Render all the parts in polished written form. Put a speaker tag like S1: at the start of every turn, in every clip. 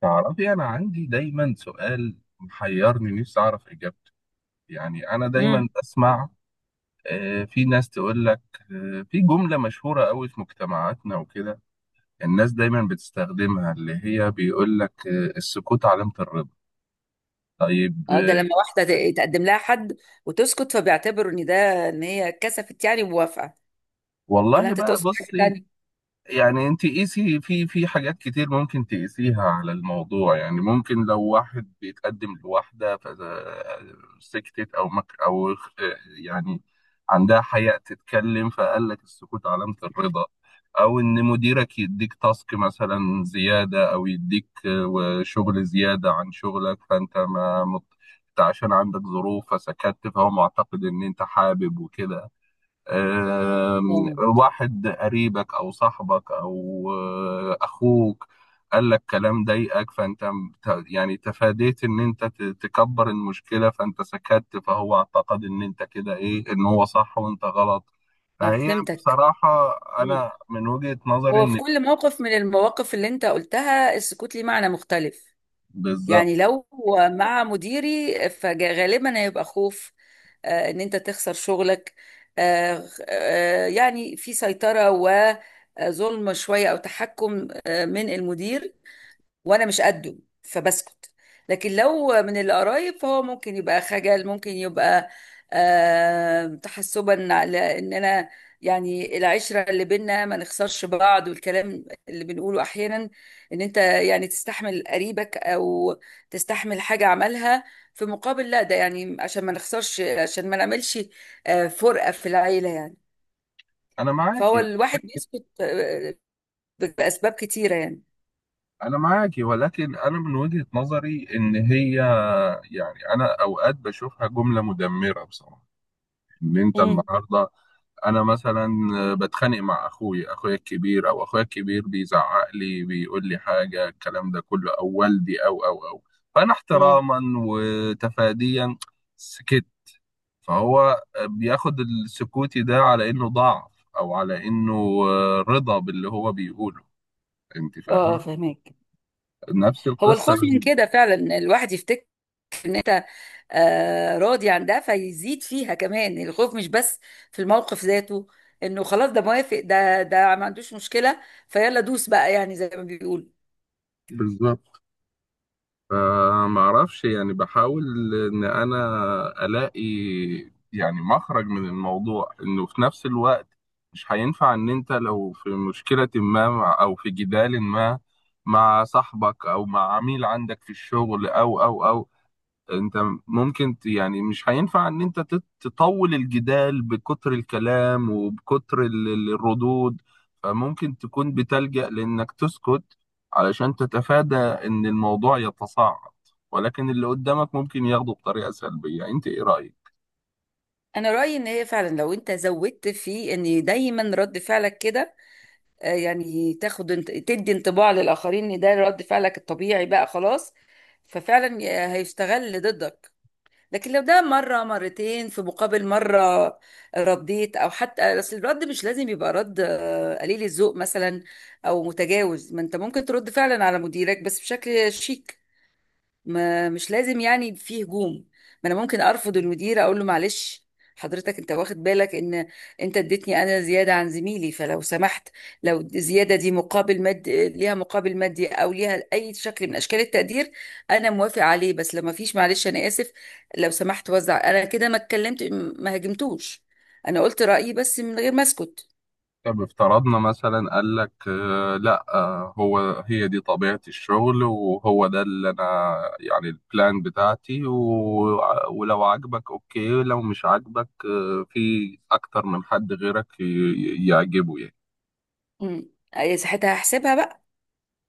S1: تعرفي، أنا عندي دايما سؤال محيرني نفسي أعرف إجابته. يعني أنا دايما
S2: امم
S1: بسمع في ناس تقول لك في جملة مشهورة قوي في مجتمعاتنا وكده. الناس دايما بتستخدمها اللي هي بيقول لك السكوت علامة الرضا. طيب،
S2: اه، ده لما واحده تقدم لها حد وتسكت، فبيعتبروا ان ده ان هي كسفت يعني وموافقه. ولا
S1: والله
S2: انت
S1: بقى
S2: تقصد حاجه
S1: بصي.
S2: تانية؟
S1: يعني انت قيسي، في حاجات كتير ممكن تقيسيها على الموضوع. يعني ممكن لو واحد بيتقدم لواحدة فسكتت او مك او اخ- يعني عندها حياء تتكلم، فقال لك السكوت علامة الرضا. او ان مديرك يديك تاسك مثلا زيادة، او يديك شغل زيادة عن شغلك، فانت ما مت- انت عشان عندك ظروف فسكت، فهو معتقد ان انت حابب وكده. آم،
S2: اه.
S1: واحد قريبك او صاحبك او اخوك قال لك كلام ضايقك، فانت يعني تفاديت ان انت تكبر المشكله، فانت سكت، فهو اعتقد ان انت كده ايه، ان هو صح وانت غلط. فهي
S2: فهمتك.
S1: بصراحه
S2: مم.
S1: انا من وجهه نظري
S2: هو في
S1: ان
S2: كل موقف من المواقف اللي انت قلتها السكوت ليه معنى مختلف.
S1: بالظبط.
S2: يعني لو مع مديري فغالبا هيبقى خوف، ان انت تخسر شغلك، يعني في سيطره وظلم شويه او تحكم من المدير وانا مش قده، فبسكت. لكن لو من القرايب فهو ممكن يبقى خجل، ممكن يبقى تحسبا على ان انا يعني العشرة اللي بينا ما نخسرش بعض، والكلام اللي بنقوله احيانا ان انت يعني تستحمل قريبك او تستحمل حاجة عملها في مقابل، لا، ده يعني عشان ما نخسرش، عشان ما نعملش فرقة في العيلة يعني.
S1: انا
S2: فهو
S1: معاكي.
S2: الواحد بيسكت بأسباب كتيرة يعني.
S1: انا معاكي، ولكن انا من وجهه نظري ان هي يعني انا اوقات بشوفها جمله مدمره بصراحه. ان انت
S2: امم
S1: النهارده، انا مثلا بتخانق مع اخويا الكبير، او اخويا الكبير بيزعق لي، بيقول لي حاجه الكلام ده كله، او والدي او فانا
S2: امم
S1: احتراما وتفاديا سكت. فهو بياخد السكوتي ده على انه ضعف، او على انه رضا باللي هو بيقوله. انت
S2: اه،
S1: فاهمه؟
S2: فهمك.
S1: نفس
S2: هو
S1: القصه،
S2: الخوف من كده فعلا، إن الواحد يفتكر ان انت راضي عن ده فيزيد فيها كمان، الخوف مش بس في الموقف ذاته، انه خلاص ده موافق، ده ما عندوش مشكلة، فيلا دوس بقى، يعني زي ما بيقول.
S1: بالظبط. فما اعرفش، يعني بحاول ان انا الاقي يعني مخرج من الموضوع، انه في نفس الوقت مش هينفع ان انت لو في مشكلة ما او في جدال ما مع صاحبك او مع عميل عندك في الشغل او انت ممكن يعني مش هينفع ان انت تطول الجدال بكتر الكلام وبكتر الردود. فممكن تكون بتلجأ لانك تسكت علشان تتفادى ان الموضوع يتصاعد. ولكن اللي قدامك ممكن ياخده بطريقة سلبية. انت ايه رأيك؟
S2: انا رأيي ان هي فعلا لو انت زودت في ان دايما رد فعلك كده، يعني تاخد تدي انطباع للآخرين ان ده رد فعلك الطبيعي بقى خلاص، ففعلا هيستغل ضدك. لكن لو ده مرة مرتين في مقابل مرة رديت، أو حتى أصل الرد مش لازم يبقى رد قليل الذوق مثلا أو متجاوز، ما أنت ممكن ترد فعلا على مديرك بس بشكل شيك، ما مش لازم يعني في هجوم. ما انا ممكن ارفض المدير، اقول له معلش حضرتك، انت واخد بالك ان انت اديتني انا زياده عن زميلي، فلو سمحت لو الزياده دي مقابل مادي، ليها مقابل مادي او ليها اي شكل من اشكال التقدير، انا موافق عليه. بس لو ما فيش، معلش انا اسف لو سمحت، وزع. انا كده ما اتكلمت، ما هاجمتوش، انا قلت رايي بس من غير ما اسكت.
S1: طب افترضنا مثلا قال لك لا، هو هي دي طبيعة الشغل، وهو ده اللي انا يعني البلان بتاعتي، ولو عجبك اوكي، لو مش عجبك في اكتر من حد غيرك يعجبه يعني.
S2: أمم. أي ساعتها هحسبها بقى،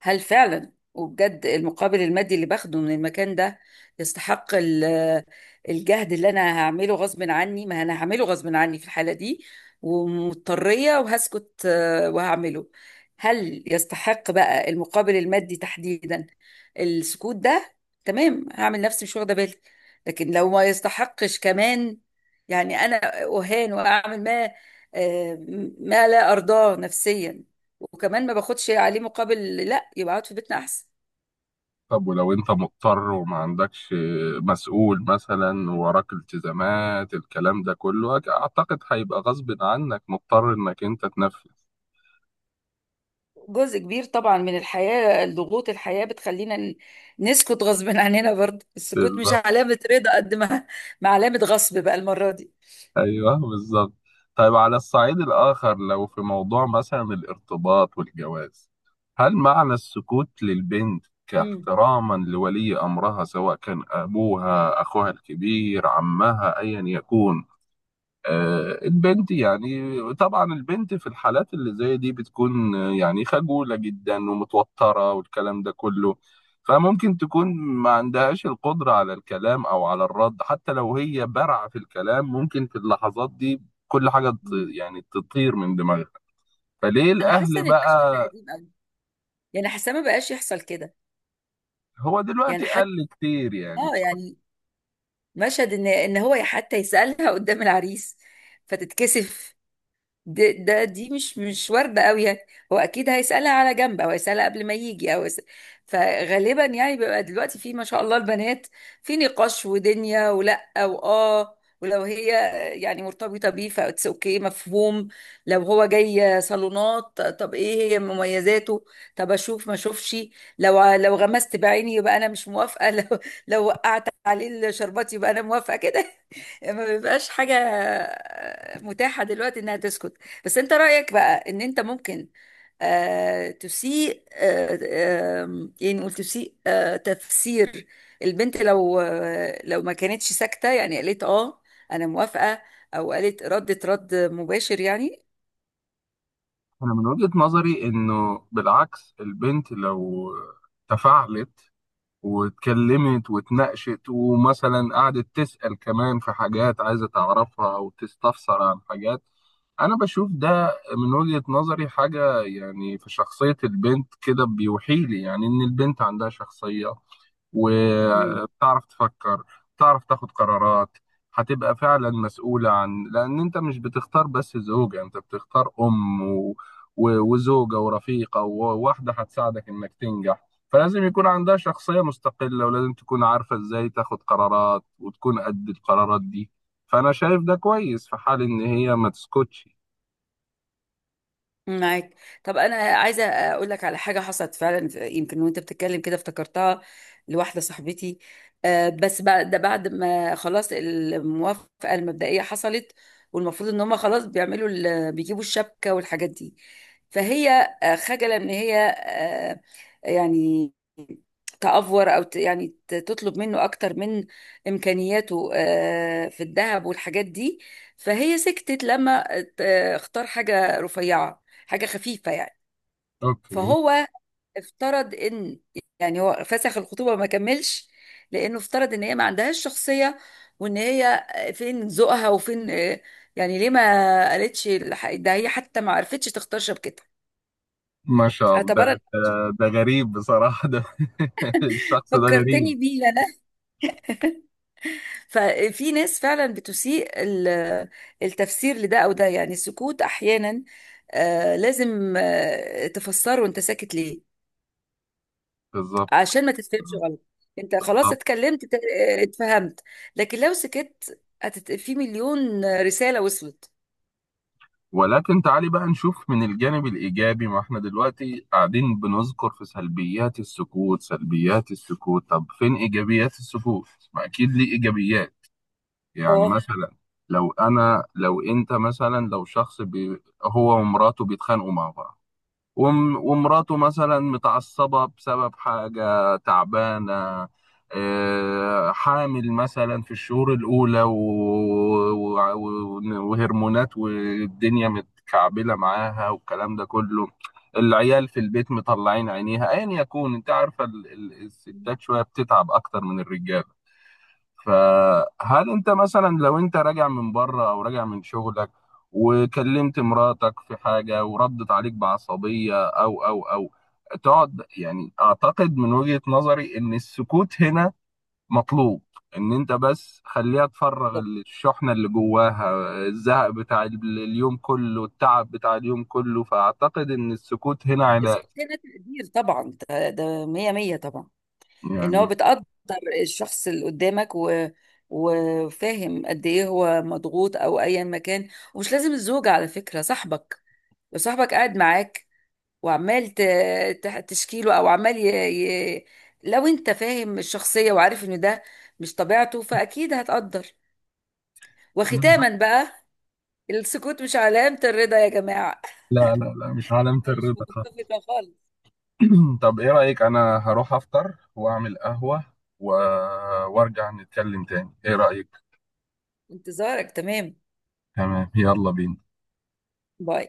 S2: هل فعلا وبجد المقابل المادي اللي باخده من المكان ده يستحق الجهد اللي انا هعمله غصب عني؟ ما انا هعمله غصب عني في الحالة دي ومضطرية، وهسكت وهعمله. هل يستحق بقى المقابل المادي تحديدا السكوت ده؟ تمام، هعمل نفسي مش واخدة بالي. لكن لو ما يستحقش كمان، يعني انا اهان واعمل ما آه، ما لا ارضاه نفسيا، وكمان ما باخدش عليه مقابل، لا، يبقى اقعد في بيتنا احسن.
S1: طب ولو انت مضطر وما عندكش مسؤول مثلا، وراك التزامات الكلام ده كله، اعتقد هيبقى غصب عنك مضطر انك انت تنفذ.
S2: جزء كبير طبعا من الحياة، ضغوط الحياة بتخلينا نسكت غصب عننا، برضه السكوت مش
S1: بالظبط.
S2: علامة رضا قد ما ما علامة غصب بقى المرة دي.
S1: ايوه بالظبط. طيب على الصعيد الاخر، لو في موضوع مثلا الارتباط والجواز، هل معنى السكوت للبنت
S2: امم
S1: كاحتراما لولي امرها، سواء كان ابوها، اخوها الكبير، عمها، ايا يكون، البنت يعني طبعا البنت في الحالات اللي زي دي بتكون يعني خجولة جدا ومتوترة، والكلام ده كله. فممكن تكون ما عندهاش القدرة على الكلام أو على الرد، حتى لو هي بارعة في الكلام، ممكن في اللحظات دي كل حاجة
S2: امم
S1: يعني تطير من دماغها. فليه
S2: انا حاسة
S1: الأهل
S2: ان المشهد ده
S1: بقى؟
S2: قديم قوي، يعني حاسة ما بقاش يحصل كده.
S1: هو
S2: يعني
S1: دلوقتي
S2: حتى
S1: قل كتير يعني
S2: اه،
S1: بصراحة.
S2: يعني مشهد ان ان هو حتى يسألها قدام العريس فتتكسف، ده دي مش وارده قوي يعني. هو اكيد هيسالها على جنب، او هيسالها قبل ما يجي، او يسأل. فغالبا يعني بيبقى دلوقتي في ما شاء الله البنات في نقاش ودنيا ولا واه، ولو هي يعني مرتبطه بيه فاتس اوكي، مفهوم. لو هو جاي صالونات، طب ايه هي مميزاته، طب اشوف ما اشوفش، لو لو غمست بعيني يبقى انا مش موافقه لو وقعت عليه الشربات يبقى انا موافقه كده. ما بيبقاش حاجة متاحة دلوقتي إنها تسكت. بس أنت رأيك بقى، إن أنت ممكن تسيء، يعني نقول تسيء تفسير البنت لو لو ما كانتش ساكتة، يعني قالت أنا موافقة، أو قالت، ردت رد مباشر يعني.
S1: أنا من وجهة نظري إنه بالعكس، البنت لو تفاعلت واتكلمت واتناقشت ومثلا قعدت تسأل كمان في حاجات عايزة تعرفها أو تستفسر عن حاجات، أنا بشوف ده من وجهة نظري حاجة، يعني في شخصية البنت كده بيوحي لي يعني إن البنت عندها شخصية وبتعرف تفكر، بتعرف تاخد قرارات، هتبقى فعلا مسؤولة، عن لأن أنت مش بتختار بس زوجة، أنت بتختار أم وزوجة ورفيقة وواحدة هتساعدك إنك تنجح، فلازم يكون عندها شخصية مستقلة، ولازم تكون عارفة إزاي تاخد قرارات وتكون قد القرارات دي. فأنا شايف ده كويس في حال إن هي ما تسكتش.
S2: معاك. طب انا عايزه اقول لك على حاجه حصلت فعلا يمكن وانت بتتكلم كده افتكرتها، لواحده صاحبتي. بس بعد ده، بعد ما خلاص الموافقه المبدئيه حصلت، والمفروض ان هم خلاص بيجيبوا الشبكه والحاجات دي، فهي خجله ان هي يعني يعني تطلب منه اكتر من امكانياته في الذهب والحاجات دي. فهي سكتت، لما اختار حاجه رفيعه، حاجة خفيفة يعني.
S1: أوكي.
S2: فهو افترض ان، يعني هو فسخ الخطوبة ما كملش، لانه افترض ان هي ما عندهاش شخصية، وان هي فين ذوقها وفين يعني ليه ما قالتش ده هي حتى ما عرفتش تختار شبكتها،
S1: ما شاء الله،
S2: اعتبرت.
S1: ده غريب بصراحة ده. الشخص ده غريب.
S2: فكرتني بيه انا، ففي ناس فعلا بتسيء التفسير لده. او ده يعني السكوت احيانا لازم تفسره، انت ساكت ليه،
S1: بالظبط.
S2: عشان ما تتفهمش غلط. انت خلاص
S1: بالظبط.
S2: اتكلمت، اتفهمت. لكن لو سكت هتت... في مليون رسالة وصلت.
S1: ولكن تعالي بقى نشوف من الجانب الإيجابي. ما احنا دلوقتي قاعدين بنذكر في سلبيات السكوت، سلبيات السكوت، طب فين إيجابيات السكوت؟ ما أكيد ليه إيجابيات. يعني
S2: اه.
S1: مثلا لو أنا لو أنت مثلا، لو شخص بي هو ومراته بيتخانقوا مع بعض، ومراته مثلا متعصبة بسبب حاجة تعبانة، حامل مثلا في الشهور الأولى، وهرمونات، والدنيا متكعبلة معاها، والكلام ده كله، العيال في البيت مطلعين عينيها، أيا يكون، أنت عارفة الستات شوية بتتعب أكتر من الرجالة. فهل انت مثلا لو انت راجع من بره او راجع من شغلك وكلمت مراتك في حاجة، وردت عليك بعصبية او تقعد، يعني اعتقد من وجهة نظري ان السكوت هنا مطلوب. ان انت بس خليها تفرغ
S2: ده
S1: الشحنة اللي جواها، الزهق بتاع اليوم كله، التعب بتاع اليوم كله، فاعتقد ان السكوت هنا علاج.
S2: السكوت هنا تقدير طبعا، ده مية مية طبعا، ان هو
S1: يعني
S2: بتقدر الشخص اللي قدامك، و... وفاهم قد ايه هو مضغوط او ايا ما كان. ومش لازم الزوجة على فكرة، صاحبك، لو صاحبك قاعد معاك وعمال تشكيله او عمال ي... ي... لو انت فاهم الشخصية وعارف ان ده مش طبيعته فاكيد هتقدر.
S1: أنا-
S2: وختاما بقى، السكوت مش علامة الرضا يا جماعة
S1: لا لا لا، مش علامة
S2: انا مش
S1: الرضا.
S2: متفقة خالص.
S1: طب ايه رأيك، انا هروح افطر واعمل قهوة و... وارجع نتكلم تاني، ايه رأيك؟
S2: انتظارك، تمام.
S1: تمام، يلا بينا.
S2: باي.